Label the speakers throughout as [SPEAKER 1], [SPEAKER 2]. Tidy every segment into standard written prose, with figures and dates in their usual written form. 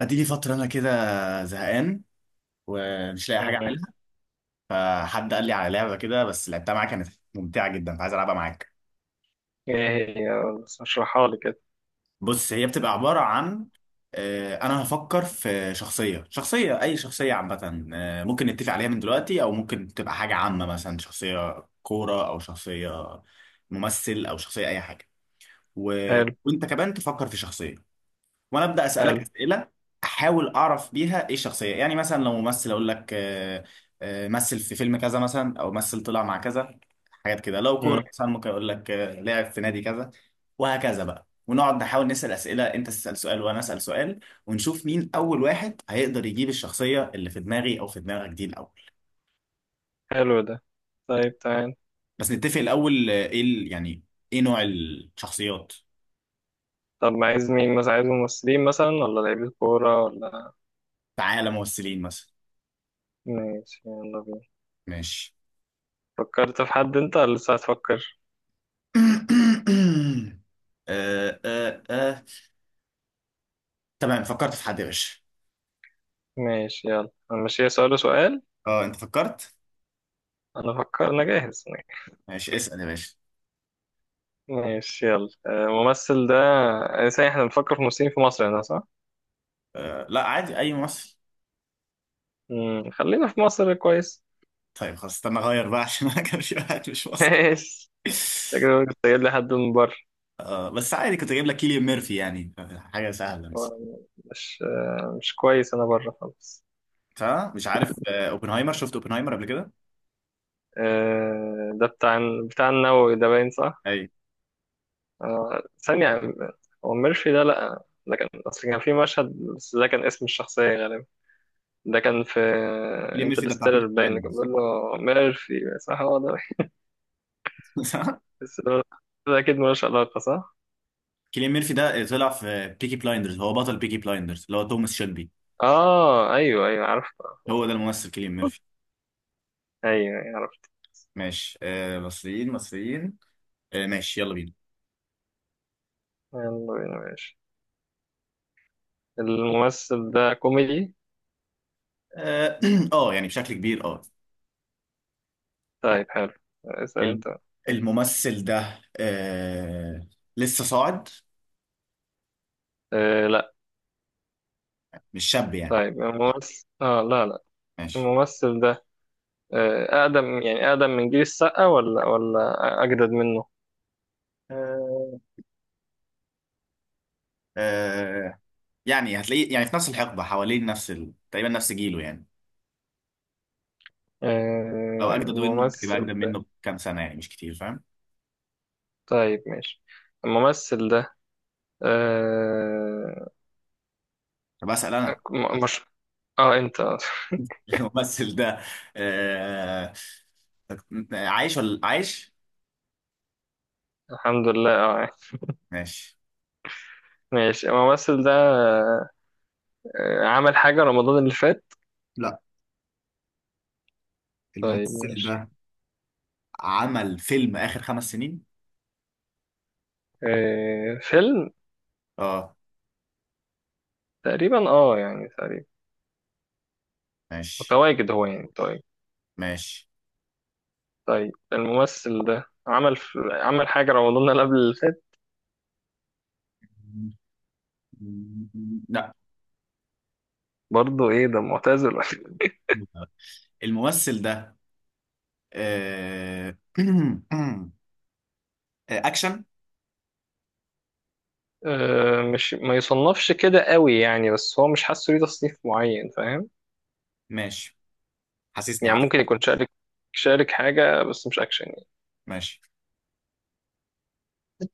[SPEAKER 1] هتيجي فترة أنا كده زهقان ومش لاقي حاجة
[SPEAKER 2] مم.
[SPEAKER 1] أعملها. فحد قال لي على لعبة كده، بس لعبتها معاك كانت ممتعة جدا، فعايز ألعبها معاك.
[SPEAKER 2] ايه هي، بس اشرحها لي كده.
[SPEAKER 1] بص، هي بتبقى عبارة عن أنا هفكر في شخصية، أي شخصية عامة. ممكن نتفق عليها من دلوقتي، أو ممكن تبقى حاجة عامة، مثلا شخصية كورة أو شخصية ممثل أو شخصية أي حاجة. و...
[SPEAKER 2] حلو.
[SPEAKER 1] وأنت كمان تفكر في شخصية، وانا ابدا اسالك
[SPEAKER 2] حلو.
[SPEAKER 1] اسئله، احاول اعرف بيها ايه الشخصيه. يعني مثلا لو ممثل، اقول لك مثل في فيلم كذا مثلا، او مثل طلع مع كذا، حاجات كده. لو
[SPEAKER 2] مم.
[SPEAKER 1] كوره مثلا ممكن اقول لك لعب في نادي كذا، وهكذا بقى. ونقعد نحاول نسال اسئله، انت تسال سؤال وانا اسال سؤال، ونشوف مين اول واحد هيقدر يجيب الشخصيه اللي في دماغي او في دماغك دي الاول.
[SPEAKER 2] حلو ده. طيب، تعال.
[SPEAKER 1] بس نتفق الاول ايه يعني ايه نوع الشخصيات؟
[SPEAKER 2] طب ما عايز مين؟ مثلا عايز ممثلين، مثلا، ولا لعيبة كورة، ولا؟
[SPEAKER 1] تعالى ممثلين مثلا.
[SPEAKER 2] ماشي، يلا بينا.
[SPEAKER 1] ماشي.
[SPEAKER 2] فكرت في حد انت ولا لسه هتفكر؟
[SPEAKER 1] آه، آه، آه. تمام، فكرت في حد يا باشا.
[SPEAKER 2] ماشي، يلا هنمشيها سؤال وسؤال.
[SPEAKER 1] اه، انت فكرت؟
[SPEAKER 2] انا فكر، انا جاهز.
[SPEAKER 1] ماشي، اسأل يا باشا.
[SPEAKER 2] ماشي، يلا. الممثل ده، ازاي؟ احنا بنفكر في ممثلين في مصر هنا، صح؟
[SPEAKER 1] آه، لا، عادي، اي مصري.
[SPEAKER 2] مم. خلينا في مصر، كويس.
[SPEAKER 1] طيب خلاص استنى اغير بقى، عشان انا كان في واحد مش مصري.
[SPEAKER 2] ماشي. انت كده بتسجل لي حد من بره.
[SPEAKER 1] آه، بس عادي، كنت اجيب لك كيليان ميرفي يعني، حاجه سهله بس.
[SPEAKER 2] آه، مش مش كويس، انا بره خالص.
[SPEAKER 1] صح، مش عارف. اوبنهايمر، شفت اوبنهايمر قبل كده؟
[SPEAKER 2] ده بتاع النووي ده، باين، صح؟
[SPEAKER 1] اي.
[SPEAKER 2] ثانية. هو ميرفي ده لأ، ده كان أصل كان في مشهد، بس ده كان اسم الشخصية غالبا. ده كان في
[SPEAKER 1] كيليان ميرفي ده بتاع
[SPEAKER 2] انترستيلر،
[SPEAKER 1] بيكي
[SPEAKER 2] باين اللي كان
[SPEAKER 1] بلايندرز.
[SPEAKER 2] بيقول له ميرفي، صح؟ هو ده.
[SPEAKER 1] صح.
[SPEAKER 2] بس ده أكيد ملوش علاقة، صح؟
[SPEAKER 1] كيليان ميرفي ده طلع في بيكي بلايندرز، هو بطل بيكي بلايندرز اللي هو توماس شيلبي.
[SPEAKER 2] آه، أيوه، أيوه، عرفت. عرفت.
[SPEAKER 1] هو ده الممثل كيليان ميرفي.
[SPEAKER 2] أيوه، أيوه، عرفت.
[SPEAKER 1] ماشي. آه، مصريين مصريين. آه، ماشي، يلا بينا.
[SPEAKER 2] يلا بينا، ماشي. الممثل ده كوميدي؟
[SPEAKER 1] اه. يعني بشكل كبير، اه.
[SPEAKER 2] طيب، حلو. اسأل
[SPEAKER 1] الم-
[SPEAKER 2] أنت.
[SPEAKER 1] الممثل ده لسه صاعد،
[SPEAKER 2] آه لا.
[SPEAKER 1] مش شاب يعني.
[SPEAKER 2] طيب، الممثل لا، لا.
[SPEAKER 1] ماشي.
[SPEAKER 2] الممثل ده أقدم يعني، أقدم من جيل السقا؟ ولا أجدد منه؟
[SPEAKER 1] آه آه يعني هتلاقيه، يعني في نفس الحقبة، حوالين نفس تقريبا نفس جيله يعني. لو أجدد منه، ممكن يبقى أجدد
[SPEAKER 2] الممثل.
[SPEAKER 1] منه بكام سنة، يعني مش كتير، فاهم؟
[SPEAKER 2] طيب، ماشي. الممثل ده. آه،
[SPEAKER 1] طب أسأل أنا.
[SPEAKER 2] مش. اه، انت.
[SPEAKER 1] الممثل ده آه عايش ولا عايش؟
[SPEAKER 2] الحمد لله، اه.
[SPEAKER 1] ماشي.
[SPEAKER 2] ماشي، الممثل ده عمل حاجة رمضان اللي فات؟
[SPEAKER 1] لا،
[SPEAKER 2] طيب،
[SPEAKER 1] الممثل
[SPEAKER 2] ماشي.
[SPEAKER 1] ده عمل فيلم آخر 5 سنين،
[SPEAKER 2] فيلم.
[SPEAKER 1] اه.
[SPEAKER 2] تقريبا اه، يعني تقريبا
[SPEAKER 1] ماشي،
[SPEAKER 2] متواجد هو، يعني طيب.
[SPEAKER 1] ماشي.
[SPEAKER 2] طيب، الممثل ده عمل حاجة رمضان اللي قبل اللي فات؟ برضه ايه ده؟ معتزل؟
[SPEAKER 1] لا، الممثل ده آه، آه، اكشن.
[SPEAKER 2] مش، ما يصنفش كده قوي يعني، بس هو مش حاسه ليه تصنيف معين، فاهم؟
[SPEAKER 1] ماشي، حاسسني
[SPEAKER 2] يعني
[SPEAKER 1] عارف.
[SPEAKER 2] ممكن يكون شارك حاجة، بس مش أكشن يعني.
[SPEAKER 1] ماشي.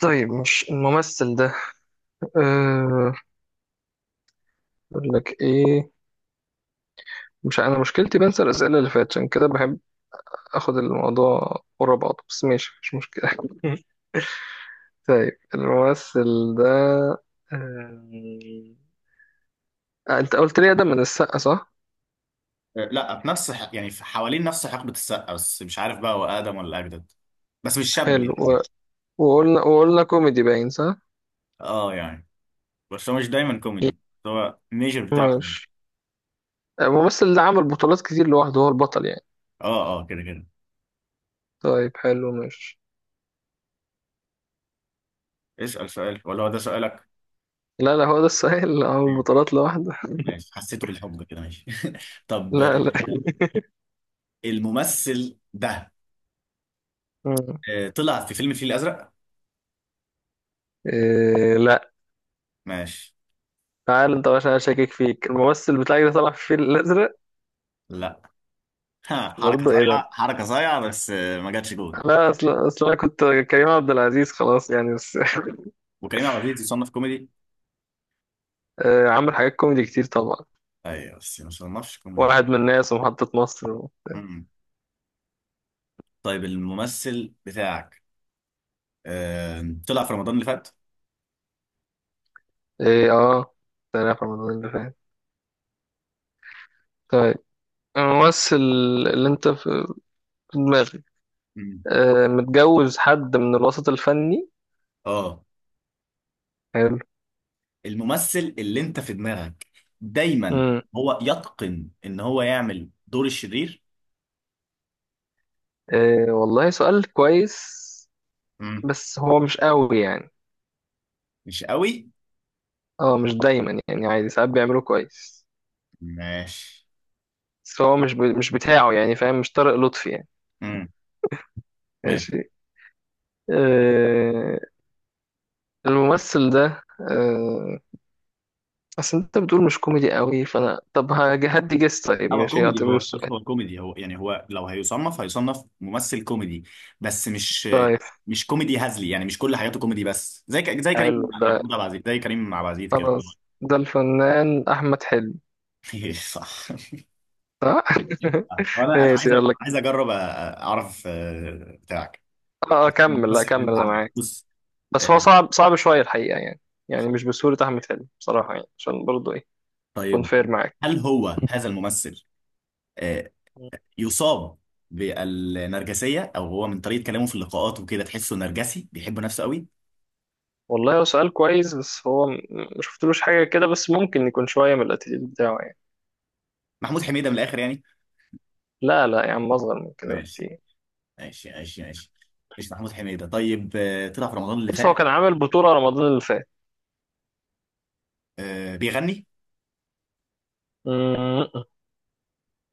[SPEAKER 2] طيب، مش الممثل ده. أه... أقول لك إيه. مش، أنا مشكلتي بنسى الأسئلة اللي فاتت، عشان كده بحب آخد الموضوع ورا بعضه، بس ماشي مش مشكلة. طيب، الممثل ده، آه، أنت قلت لي ده من السقا، صح؟
[SPEAKER 1] لا، في نفس يعني في حوالين نفس حقبة السقا، بس مش عارف بقى هو اقدم ولا اجدد، بس مش شاب
[SPEAKER 2] حلو،
[SPEAKER 1] يعني.
[SPEAKER 2] وقلنا كوميدي، باين، صح؟
[SPEAKER 1] اه، يعني، بس هو مش دايما كوميدي، هو ميجر بتاعه كوميدي.
[SPEAKER 2] ماشي. الممثل اللي عمل بطولات كتير لوحده، هو البطل يعني.
[SPEAKER 1] اه، اه، كده كده.
[SPEAKER 2] طيب، حلو، ماشي.
[SPEAKER 1] اسأل سؤال ولا هو ده سؤالك؟
[SPEAKER 2] لا لا، هو ده السؤال. اللي عمل بطولات لوحده.
[SPEAKER 1] ماشي، حسيته بالحب كده. ماشي. طب،
[SPEAKER 2] لا، لا.
[SPEAKER 1] الممثل ده
[SPEAKER 2] مم.
[SPEAKER 1] طلع في فيلم الفيل الازرق؟
[SPEAKER 2] إيه لا.
[SPEAKER 1] ماشي،
[SPEAKER 2] تعال انت، عشان انا شاكك فيك. الممثل بتاعك ده طلع في الفيل الازرق؟
[SPEAKER 1] لا. ها، حركة
[SPEAKER 2] برضه ايه ده؟
[SPEAKER 1] صايعة، حركة صايعة، بس ما جاتش جون.
[SPEAKER 2] لا، اصل انا كنت كريم عبد العزيز، خلاص يعني، بس.
[SPEAKER 1] وكريم عبد العزيز يصنف كوميدي؟
[SPEAKER 2] إيه، عامل حاجات كوميدي كتير طبعا.
[SPEAKER 1] ايوه، بس ما صنفش كوميدي.
[SPEAKER 2] واحد من الناس، ومحطة مصر،
[SPEAKER 1] أمم. طيب الممثل بتاعك طلع في رمضان اللي فات؟
[SPEAKER 2] ايه، اه. سنة في رمضان اللي فات. طيب، الممثل اللي انت في دماغك
[SPEAKER 1] أمم.
[SPEAKER 2] متجوز حد من الوسط الفني؟
[SPEAKER 1] اه. الممثل اللي انت في دماغك دايما
[SPEAKER 2] امم.
[SPEAKER 1] هو يتقن ان هو يعمل دور الشرير؟
[SPEAKER 2] إيه، والله سؤال كويس.
[SPEAKER 1] أمم.
[SPEAKER 2] بس هو مش قوي يعني.
[SPEAKER 1] مش قوي.
[SPEAKER 2] اه، مش دايما يعني، عادي، ساعات بيعملوه كويس.
[SPEAKER 1] ماشي.
[SPEAKER 2] بس هو مش بتاعه يعني، فاهم؟ مش طارق لطفي يعني.
[SPEAKER 1] أمم.
[SPEAKER 2] ماشي. إيه، الممثل ده، إيه، اصل انت بتقول مش كوميدي قوي، فانا طب هدي جس. طيب،
[SPEAKER 1] هو
[SPEAKER 2] ماشي،
[SPEAKER 1] كوميدي،
[SPEAKER 2] اعتبره
[SPEAKER 1] هو بص،
[SPEAKER 2] السؤال.
[SPEAKER 1] هو كوميدي. هو يعني، هو لو هيصنف ممثل كوميدي، بس مش
[SPEAKER 2] طيب،
[SPEAKER 1] كوميدي هزلي. يعني مش كل حياته كوميدي، بس زي زي كريم،
[SPEAKER 2] حلو ده.
[SPEAKER 1] محمود عبد العزيز، زي كريم عبد العزيز كده.
[SPEAKER 2] خلاص، ده الفنان احمد حلمي،
[SPEAKER 1] صح.
[SPEAKER 2] صح؟
[SPEAKER 1] انا
[SPEAKER 2] ماشي، يلا.
[SPEAKER 1] عايز اجرب اعرف بتاعك.
[SPEAKER 2] اه، كمل، لا
[SPEAKER 1] الممثل اللي
[SPEAKER 2] كمل،
[SPEAKER 1] انت
[SPEAKER 2] انا
[SPEAKER 1] عندك
[SPEAKER 2] معاك.
[SPEAKER 1] بص.
[SPEAKER 2] بس هو
[SPEAKER 1] آه،
[SPEAKER 2] صعب صعب شوية الحقيقة يعني. يعني مش بسهولة أحمد حلمي بصراحة يعني، عشان برضه إيه، أكون
[SPEAKER 1] طيب،
[SPEAKER 2] فير معاك.
[SPEAKER 1] هل هو هذا الممثل آه، يصاب بالنرجسية، او هو من طريقة كلامه في اللقاءات وكده تحسه نرجسي بيحب نفسه قوي؟
[SPEAKER 2] والله هو سؤال كويس، بس هو ما شفتلوش حاجة كده، بس ممكن يكون شوية من الاتيتيود بتاعه يعني.
[SPEAKER 1] محمود حميدة من الاخر يعني.
[SPEAKER 2] لا، لا يا عم، أصغر من كده
[SPEAKER 1] ماشي،
[SPEAKER 2] بكتير.
[SPEAKER 1] ماشي، ماشي. ماشي، مش محمود حميدة؟ طيب، طلع في رمضان اللي
[SPEAKER 2] بس هو
[SPEAKER 1] فات،
[SPEAKER 2] كان عامل بطولة رمضان اللي فات.
[SPEAKER 1] بيغني؟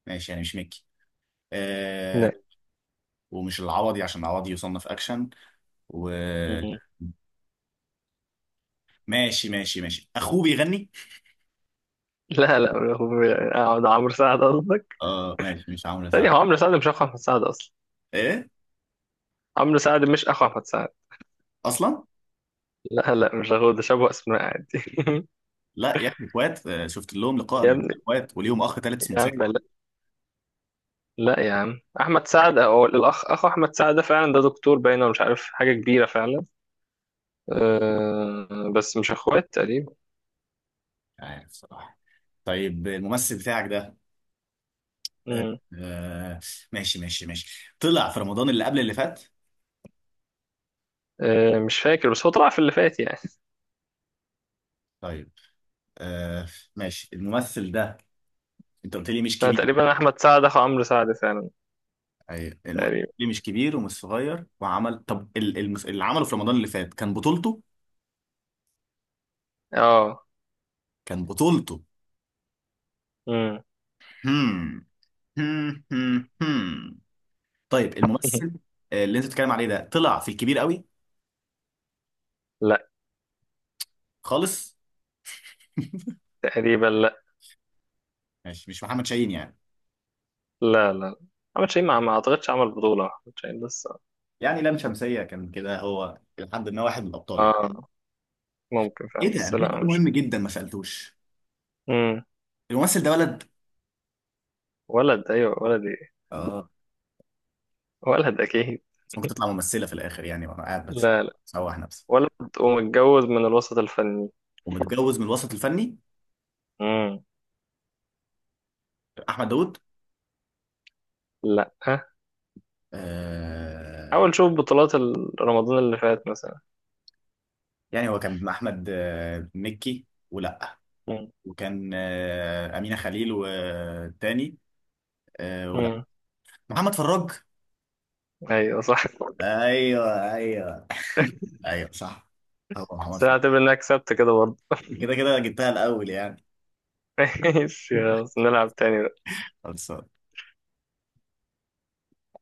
[SPEAKER 1] ماشي، يعني مش مكي. آه،
[SPEAKER 2] م-
[SPEAKER 1] ومش العوضي، عشان العوضي يصنف اكشن، وماشي. ماشي، ماشي، اخوه بيغني.
[SPEAKER 2] لا، لا، لا، ده عمرو سعد، قصدك؟
[SPEAKER 1] اه، ماشي، مش عامله
[SPEAKER 2] ثانية، هو
[SPEAKER 1] ساعه؟
[SPEAKER 2] عمرو سعد مش أخو أحمد سعد أصلا.
[SPEAKER 1] ايه؟
[SPEAKER 2] عمرو سعد مش أخو أحمد سعد.
[SPEAKER 1] اصلا.
[SPEAKER 2] لا، لا، مش أخو. ده شبه أسماء عادي.
[SPEAKER 1] لا يا اخي، اخوات. شفت لهم لقاء
[SPEAKER 2] يا
[SPEAKER 1] قبل كده،
[SPEAKER 2] ابني،
[SPEAKER 1] اخوات وليهم اخ ثالث اسمه
[SPEAKER 2] يا عم
[SPEAKER 1] سامي، مش
[SPEAKER 2] لا. لا يا عم، احمد سعد او اخو احمد سعد ده فعلا، ده دكتور باين، ولا مش عارف، حاجه كبيره فعلا. أه بس مش اخوات تقريبا.
[SPEAKER 1] عارف الصراحه. طيب الممثل بتاعك ده، آه،
[SPEAKER 2] مم.
[SPEAKER 1] آه، ماشي، ماشي، ماشي، طلع في رمضان اللي قبل اللي فات؟
[SPEAKER 2] أه، مش فاكر، بس هو طلع في اللي فات يعني.
[SPEAKER 1] طيب. آه، ماشي. الممثل ده، انت قلت لي مش
[SPEAKER 2] أنا
[SPEAKER 1] كبير.
[SPEAKER 2] تقريبا احمد سعد اخو عمرو سعد فعلا.
[SPEAKER 1] ايوه، قلت
[SPEAKER 2] تقريبا،
[SPEAKER 1] لي مش كبير ومش صغير وعمل، طب اللي عمله في رمضان اللي فات كان بطولته.
[SPEAKER 2] اه.
[SPEAKER 1] كان بطولته.
[SPEAKER 2] مم.
[SPEAKER 1] هم. هم. هم. هم. طيب الممثل اللي انت بتتكلم عليه ده طلع في الكبير قوي
[SPEAKER 2] لا.
[SPEAKER 1] خالص؟
[SPEAKER 2] تقريبا، لا.
[SPEAKER 1] ماشي، مش محمد شاهين يعني؟
[SPEAKER 2] لا، لا، احمد شاهين، ما اعتقدش عمل بطوله احمد شاهين بس.
[SPEAKER 1] يعني لام شمسية كان كده هو لحد ما واحد من الابطال يعني.
[SPEAKER 2] اه، ممكن
[SPEAKER 1] ايه
[SPEAKER 2] فعلا،
[SPEAKER 1] ده،
[SPEAKER 2] بس
[SPEAKER 1] انا في
[SPEAKER 2] لا،
[SPEAKER 1] سؤال
[SPEAKER 2] مش.
[SPEAKER 1] مهم جدا ما سالتوش.
[SPEAKER 2] مم.
[SPEAKER 1] الممثل ده ولد؟
[SPEAKER 2] ولد؟ ايوه، ولد، ايه.
[SPEAKER 1] اه،
[SPEAKER 2] ولد، اكيد.
[SPEAKER 1] بس ممكن تطلع ممثلة في الاخر يعني وانا قاعد بس
[SPEAKER 2] لا، لا.
[SPEAKER 1] سوح نفسي.
[SPEAKER 2] ولد، ومتجوز من الوسط الفني.
[SPEAKER 1] ومتجوز من الوسط الفني.
[SPEAKER 2] مم.
[SPEAKER 1] احمد داوود؟
[SPEAKER 2] لا.
[SPEAKER 1] آه
[SPEAKER 2] حاول شوف بطولات رمضان اللي فات مثلا.
[SPEAKER 1] يعني هو كان مع احمد مكي ولا؟
[SPEAKER 2] مم.
[SPEAKER 1] وكان امينه خليل والتاني ولا
[SPEAKER 2] امم.
[SPEAKER 1] محمد فراج؟
[SPEAKER 2] ايوه، صح.
[SPEAKER 1] ايوه، ايوه، ايوه صح، هو محمد
[SPEAKER 2] بس أنا
[SPEAKER 1] فراج.
[SPEAKER 2] هعتبر انك كسبت كده برضه.
[SPEAKER 1] كده كده جبتها الاول يعني.
[SPEAKER 2] ماشي، خلاص نلعب تاني.
[SPEAKER 1] خلاص.